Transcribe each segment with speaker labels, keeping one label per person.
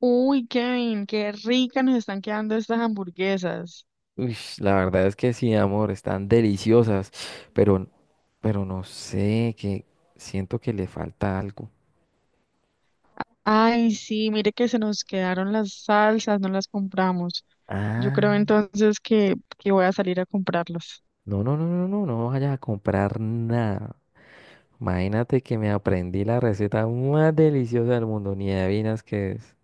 Speaker 1: Uy, Kevin, qué ricas nos están quedando estas hamburguesas.
Speaker 2: Uy, la verdad es que sí, amor, están deliciosas, pero, pero no sé, que siento que le falta algo.
Speaker 1: Ay, sí, mire que se nos quedaron las salsas, no las compramos. Yo
Speaker 2: Ah,
Speaker 1: creo entonces que voy a salir a comprarlas.
Speaker 2: no, no, no, no, no, no vayas a comprar nada. Imagínate que me aprendí la receta más deliciosa del mundo, ni adivinas qué es.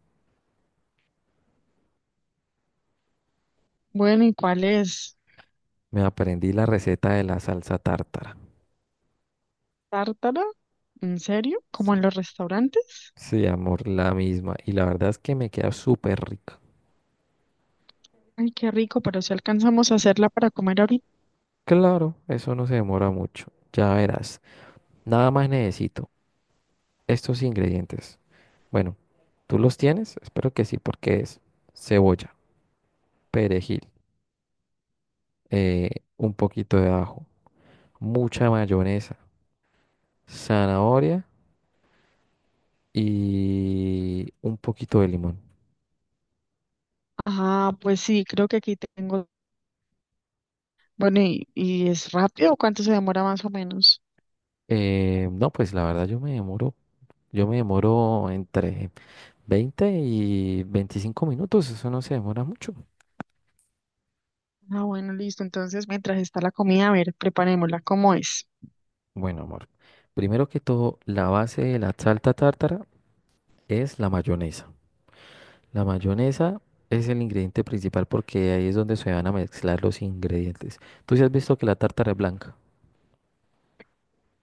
Speaker 1: Bueno, ¿y cuál es?
Speaker 2: Me aprendí la receta de la salsa tártara.
Speaker 1: ¿Tártara? ¿En serio? ¿Como
Speaker 2: Sí,
Speaker 1: en los restaurantes?
Speaker 2: sí, amor, la misma. Y la verdad es que me queda súper rica.
Speaker 1: Ay, qué rico, pero si alcanzamos a hacerla para comer ahorita.
Speaker 2: Claro, eso no se demora mucho. Ya verás. Nada más necesito estos ingredientes. Bueno, ¿tú los tienes? Espero que sí, porque es cebolla, perejil, eh, un poquito de ajo, mucha mayonesa, zanahoria y un poquito de limón.
Speaker 1: Ah, pues sí, creo que aquí tengo. Bueno, ¿y es rápido? ¿Cuánto se demora más o menos?
Speaker 2: No, pues la verdad yo me demoro entre 20 y 25 minutos, eso no se demora mucho.
Speaker 1: Ah, bueno, listo. Entonces, mientras está la comida, a ver, preparémosla. ¿Cómo es?
Speaker 2: Bueno, amor, primero que todo, la base de la salsa tártara es la mayonesa. La mayonesa es el ingrediente principal porque ahí es donde se van a mezclar los ingredientes. ¿Tú sí has visto que la tártara es blanca?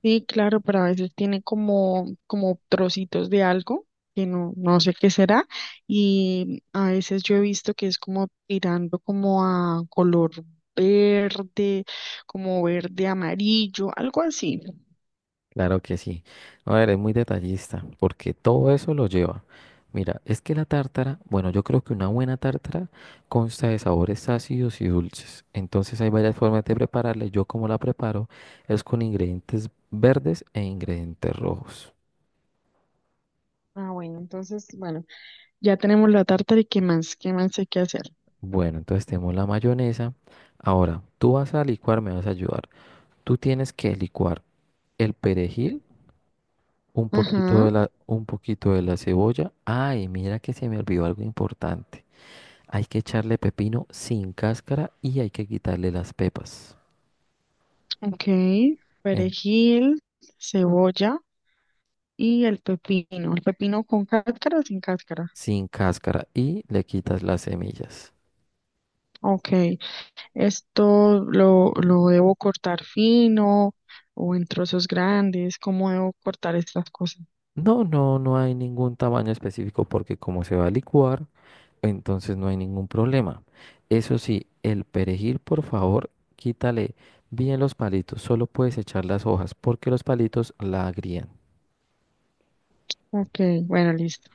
Speaker 1: Sí, claro, pero a veces tiene como trocitos de algo que no sé qué será y a veces yo he visto que es como tirando como a color verde, como verde amarillo, algo así.
Speaker 2: Claro que sí. A ver, es muy detallista porque todo eso lo lleva. Mira, es que la tártara, bueno, yo creo que una buena tártara consta de sabores ácidos y dulces. Entonces hay varias formas de prepararla. Yo como la preparo es con ingredientes verdes e ingredientes rojos.
Speaker 1: Ah, bueno, entonces, bueno, ya tenemos la tártara y qué más hay que hacer.
Speaker 2: Bueno, entonces tenemos la mayonesa. Ahora, tú vas a licuar, me vas a ayudar. Tú tienes que licuar el perejil,
Speaker 1: Ajá,
Speaker 2: un poquito de la cebolla. Ay, mira que se me olvidó algo importante. Hay que echarle pepino sin cáscara y hay que quitarle las pepas.
Speaker 1: ok,
Speaker 2: en-
Speaker 1: perejil, cebolla y el pepino, ¿el pepino con cáscara o sin cáscara?
Speaker 2: sin cáscara y le quitas las semillas.
Speaker 1: Ok. Esto lo debo cortar fino o en trozos grandes. ¿Cómo debo cortar estas cosas?
Speaker 2: No, no, no hay ningún tamaño específico porque como se va a licuar, entonces no hay ningún problema. Eso sí, el perejil, por favor, quítale bien los palitos. Solo puedes echar las hojas porque los palitos la agrían.
Speaker 1: Ok, bueno, listo.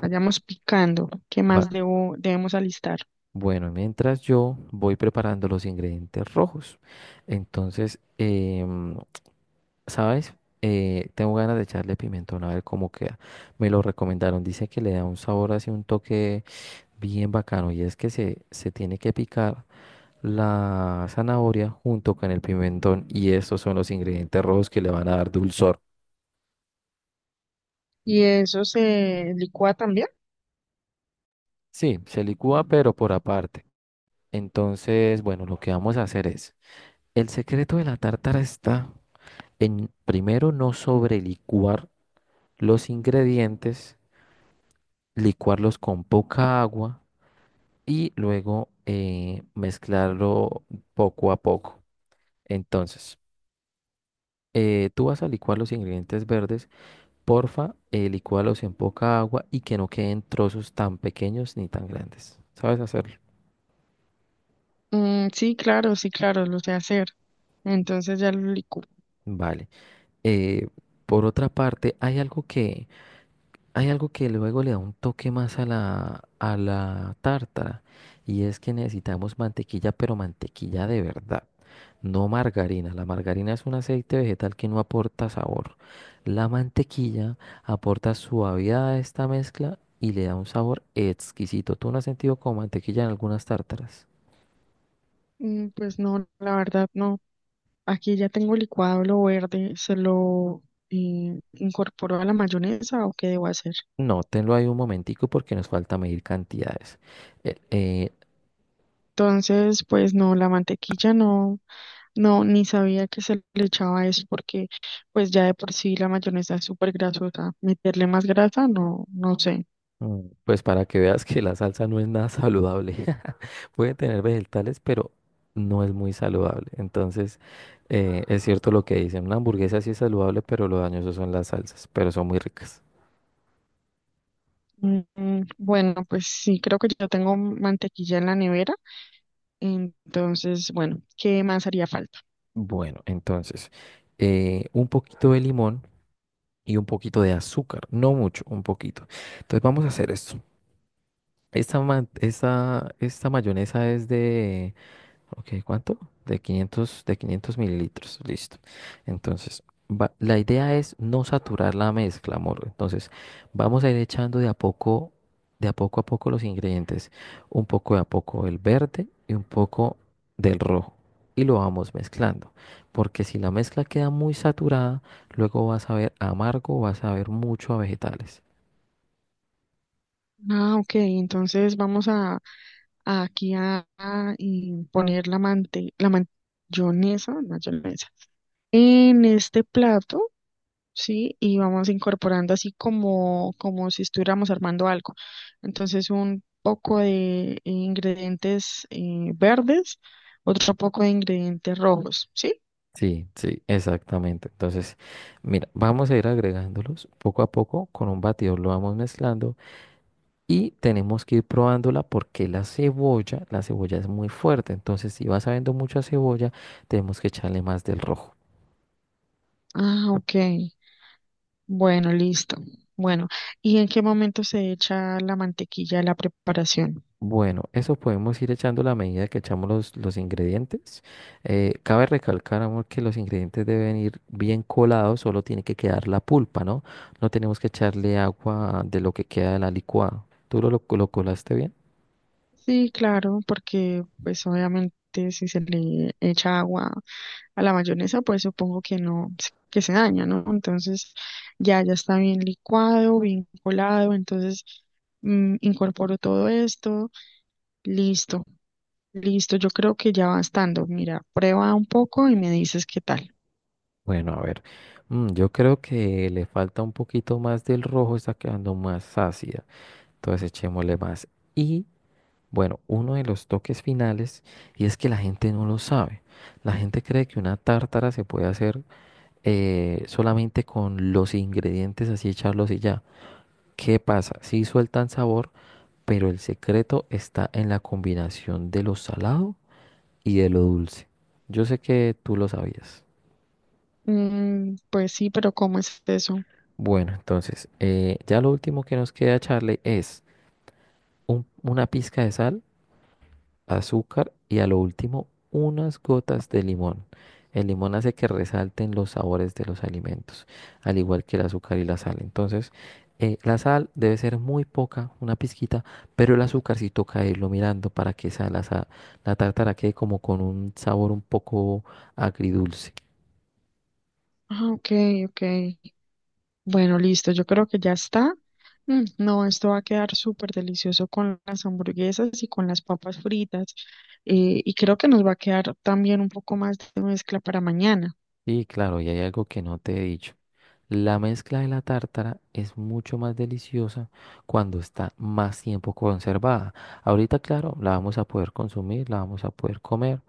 Speaker 1: Vayamos picando. ¿Qué más
Speaker 2: Va-
Speaker 1: debemos alistar?
Speaker 2: Bueno, mientras yo voy preparando los ingredientes rojos. Entonces, ¿sabes? Tengo ganas de echarle pimentón a ver cómo queda. Me lo recomendaron. Dice que le da un sabor así, un toque bien bacano. Y es que se tiene que picar la zanahoria junto con el pimentón. Y estos son los ingredientes rojos que le van a dar dulzor.
Speaker 1: ¿Y eso se licúa también?
Speaker 2: Sí, se licúa, pero por aparte. Entonces, bueno, lo que vamos a hacer es. El secreto de la tártara está en primero no sobrelicuar los ingredientes, licuarlos con poca agua y luego mezclarlo poco a poco. Entonces, tú vas a licuar los ingredientes verdes, porfa, licúalos en poca agua y que no queden trozos tan pequeños ni tan grandes. ¿Sabes hacerlo?
Speaker 1: Mm, sí, claro, sí, claro, lo sé hacer. Entonces ya lo licúo.
Speaker 2: Vale. Eh, por otra parte, hay algo que luego le da un toque más a la tártara y es que necesitamos mantequilla, pero mantequilla de verdad, no margarina. La margarina es un aceite vegetal que no aporta sabor. La mantequilla aporta suavidad a esta mezcla y le da un sabor exquisito. ¿Tú no has sentido como mantequilla en algunas tártaras?
Speaker 1: Mm, pues no, la verdad no. Aquí ya tengo licuado lo verde. ¿Se lo incorporo a la mayonesa o qué debo hacer?
Speaker 2: Nótenlo ahí un momentico porque nos falta medir cantidades. Eh, eh,
Speaker 1: Entonces, pues no, la mantequilla no, no, ni sabía que se le echaba eso porque pues ya de por sí la mayonesa es súper grasosa. Meterle más grasa, no, no sé.
Speaker 2: Pues para que veas que la salsa no es nada saludable. Puede tener vegetales, pero no es muy saludable. Entonces, es cierto lo que dicen. Una hamburguesa sí es saludable, pero lo dañoso son las salsas, pero son muy ricas.
Speaker 1: Mm, mm, bueno, pues sí, creo que ya tengo mantequilla en la nevera. Entonces, bueno, ¿qué más haría falta?
Speaker 2: Bueno, entonces, un poquito de limón y un poquito de azúcar. No mucho, un poquito. Entonces vamos a hacer esto. Esta mayonesa es de. Ok, ¿cuánto? De 500 ml, listo. Entonces, la idea es no saturar la mezcla, amor. Entonces, vamos a ir echando de a poco los ingredientes. Un poco de a poco el verde y un poco del rojo. Y lo vamos mezclando. Porque si la mezcla queda muy saturada, luego vas a ver amargo, vas a ver mucho a vegetales.
Speaker 1: Ah, ok, entonces vamos a aquí a, y poner la mante, la mayonesa, mayonesa en este plato. Sí, y vamos incorporando así como, como si estuviéramos armando algo. Entonces, un poco de ingredientes verdes, otro poco de ingredientes rojos, ¿sí?
Speaker 2: Sí, sí, exactamente. Entonces, mira, vamos a ir agregándolos poco a poco con un batidor, lo vamos mezclando y tenemos que ir probándola porque la cebolla es muy fuerte. Entonces, si vas sabiendo mucha cebolla, tenemos que echarle más del rojo.
Speaker 1: Ah, ok. Bueno, listo. Bueno, ¿y en qué momento se echa la mantequilla a la preparación?
Speaker 2: Bueno, eso podemos ir echando a medida que echamos los ingredientes. Cabe recalcar, amor, que los ingredientes deben ir bien colados, solo tiene que quedar la pulpa, ¿no? No tenemos que echarle agua de lo que queda de la licuada. ¿Tú lo colaste bien?
Speaker 1: Sí, claro, porque pues obviamente si se le echa agua a la mayonesa, pues supongo que no, que se daña, ¿no? Entonces ya está bien licuado, bien colado, entonces mm, incorporo todo esto, listo, listo, yo creo que ya va estando. Mira, prueba un poco y me dices qué tal.
Speaker 2: Bueno, a ver, yo creo que le falta un poquito más del rojo, está quedando más ácida. Entonces echémosle más. Y bueno, uno de los toques finales, y es que la gente no lo sabe. La gente cree que una tártara se puede hacer solamente con los ingredientes, así echarlos y ya. ¿Qué pasa? Sí sueltan sabor, pero el secreto está en la combinación de lo salado y de lo dulce. Yo sé que tú lo sabías.
Speaker 1: Mm, pues sí, pero ¿cómo es eso?
Speaker 2: Bueno, entonces, ya lo último que nos queda echarle es una pizca de sal, azúcar y a lo último unas gotas de limón. El limón hace que resalten los sabores de los alimentos, al igual que el azúcar y la sal. Entonces, la sal debe ser muy poca, una pizquita, pero el azúcar sí toca irlo mirando para que la tártara quede como con un sabor un poco agridulce.
Speaker 1: Ah, ok, ok. Bueno, listo, yo creo que ya está. Mm, no, esto va a quedar súper delicioso con las hamburguesas y con las papas fritas. Y creo que nos va a quedar también un poco más de mezcla para mañana.
Speaker 2: Y claro, y hay algo que no te he dicho. La mezcla de la tártara es mucho más deliciosa cuando está más tiempo conservada. Ahorita, claro, la vamos a poder consumir, la vamos a poder comer,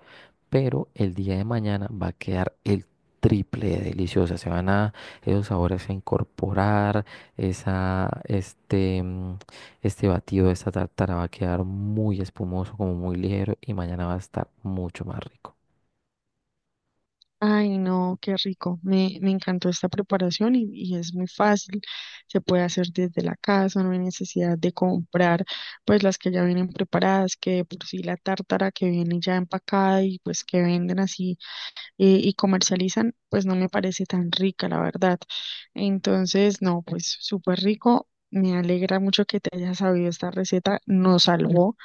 Speaker 2: pero el día de mañana va a quedar el triple de deliciosa. Se van a esos sabores a incorporar, esa, este, mm, este batido de esta tártara va a quedar muy espumoso, como muy ligero y mañana va a estar mucho más rico.
Speaker 1: Ay, no, qué rico. Me encantó esta preparación y es muy fácil. Se puede hacer desde la casa, no hay necesidad de comprar pues las que ya vienen preparadas, que de por sí la tártara que viene ya empacada y pues que venden así y comercializan, pues no me parece tan rica, la verdad. Entonces, no, pues súper rico. Me alegra mucho que te hayas sabido esta receta. Nos salvó,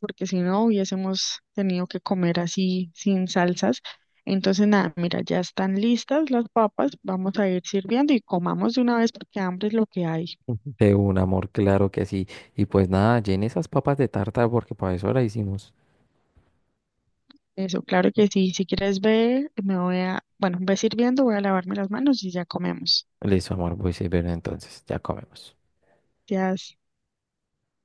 Speaker 1: porque si no hubiésemos tenido que comer así sin salsas. Entonces, nada, mira, ya están listas las papas. Vamos a ir sirviendo y comamos de una vez porque hambre es lo que hay.
Speaker 2: De un amor, claro que sí. Y pues nada, llene esas papas de tarta porque para eso la hicimos.
Speaker 1: Eso, claro que sí. Si quieres ver, me voy a, bueno, ve sirviendo, voy a lavarme las manos y ya comemos.
Speaker 2: Listo, amor, voy a ver entonces, ya comemos.
Speaker 1: Ya.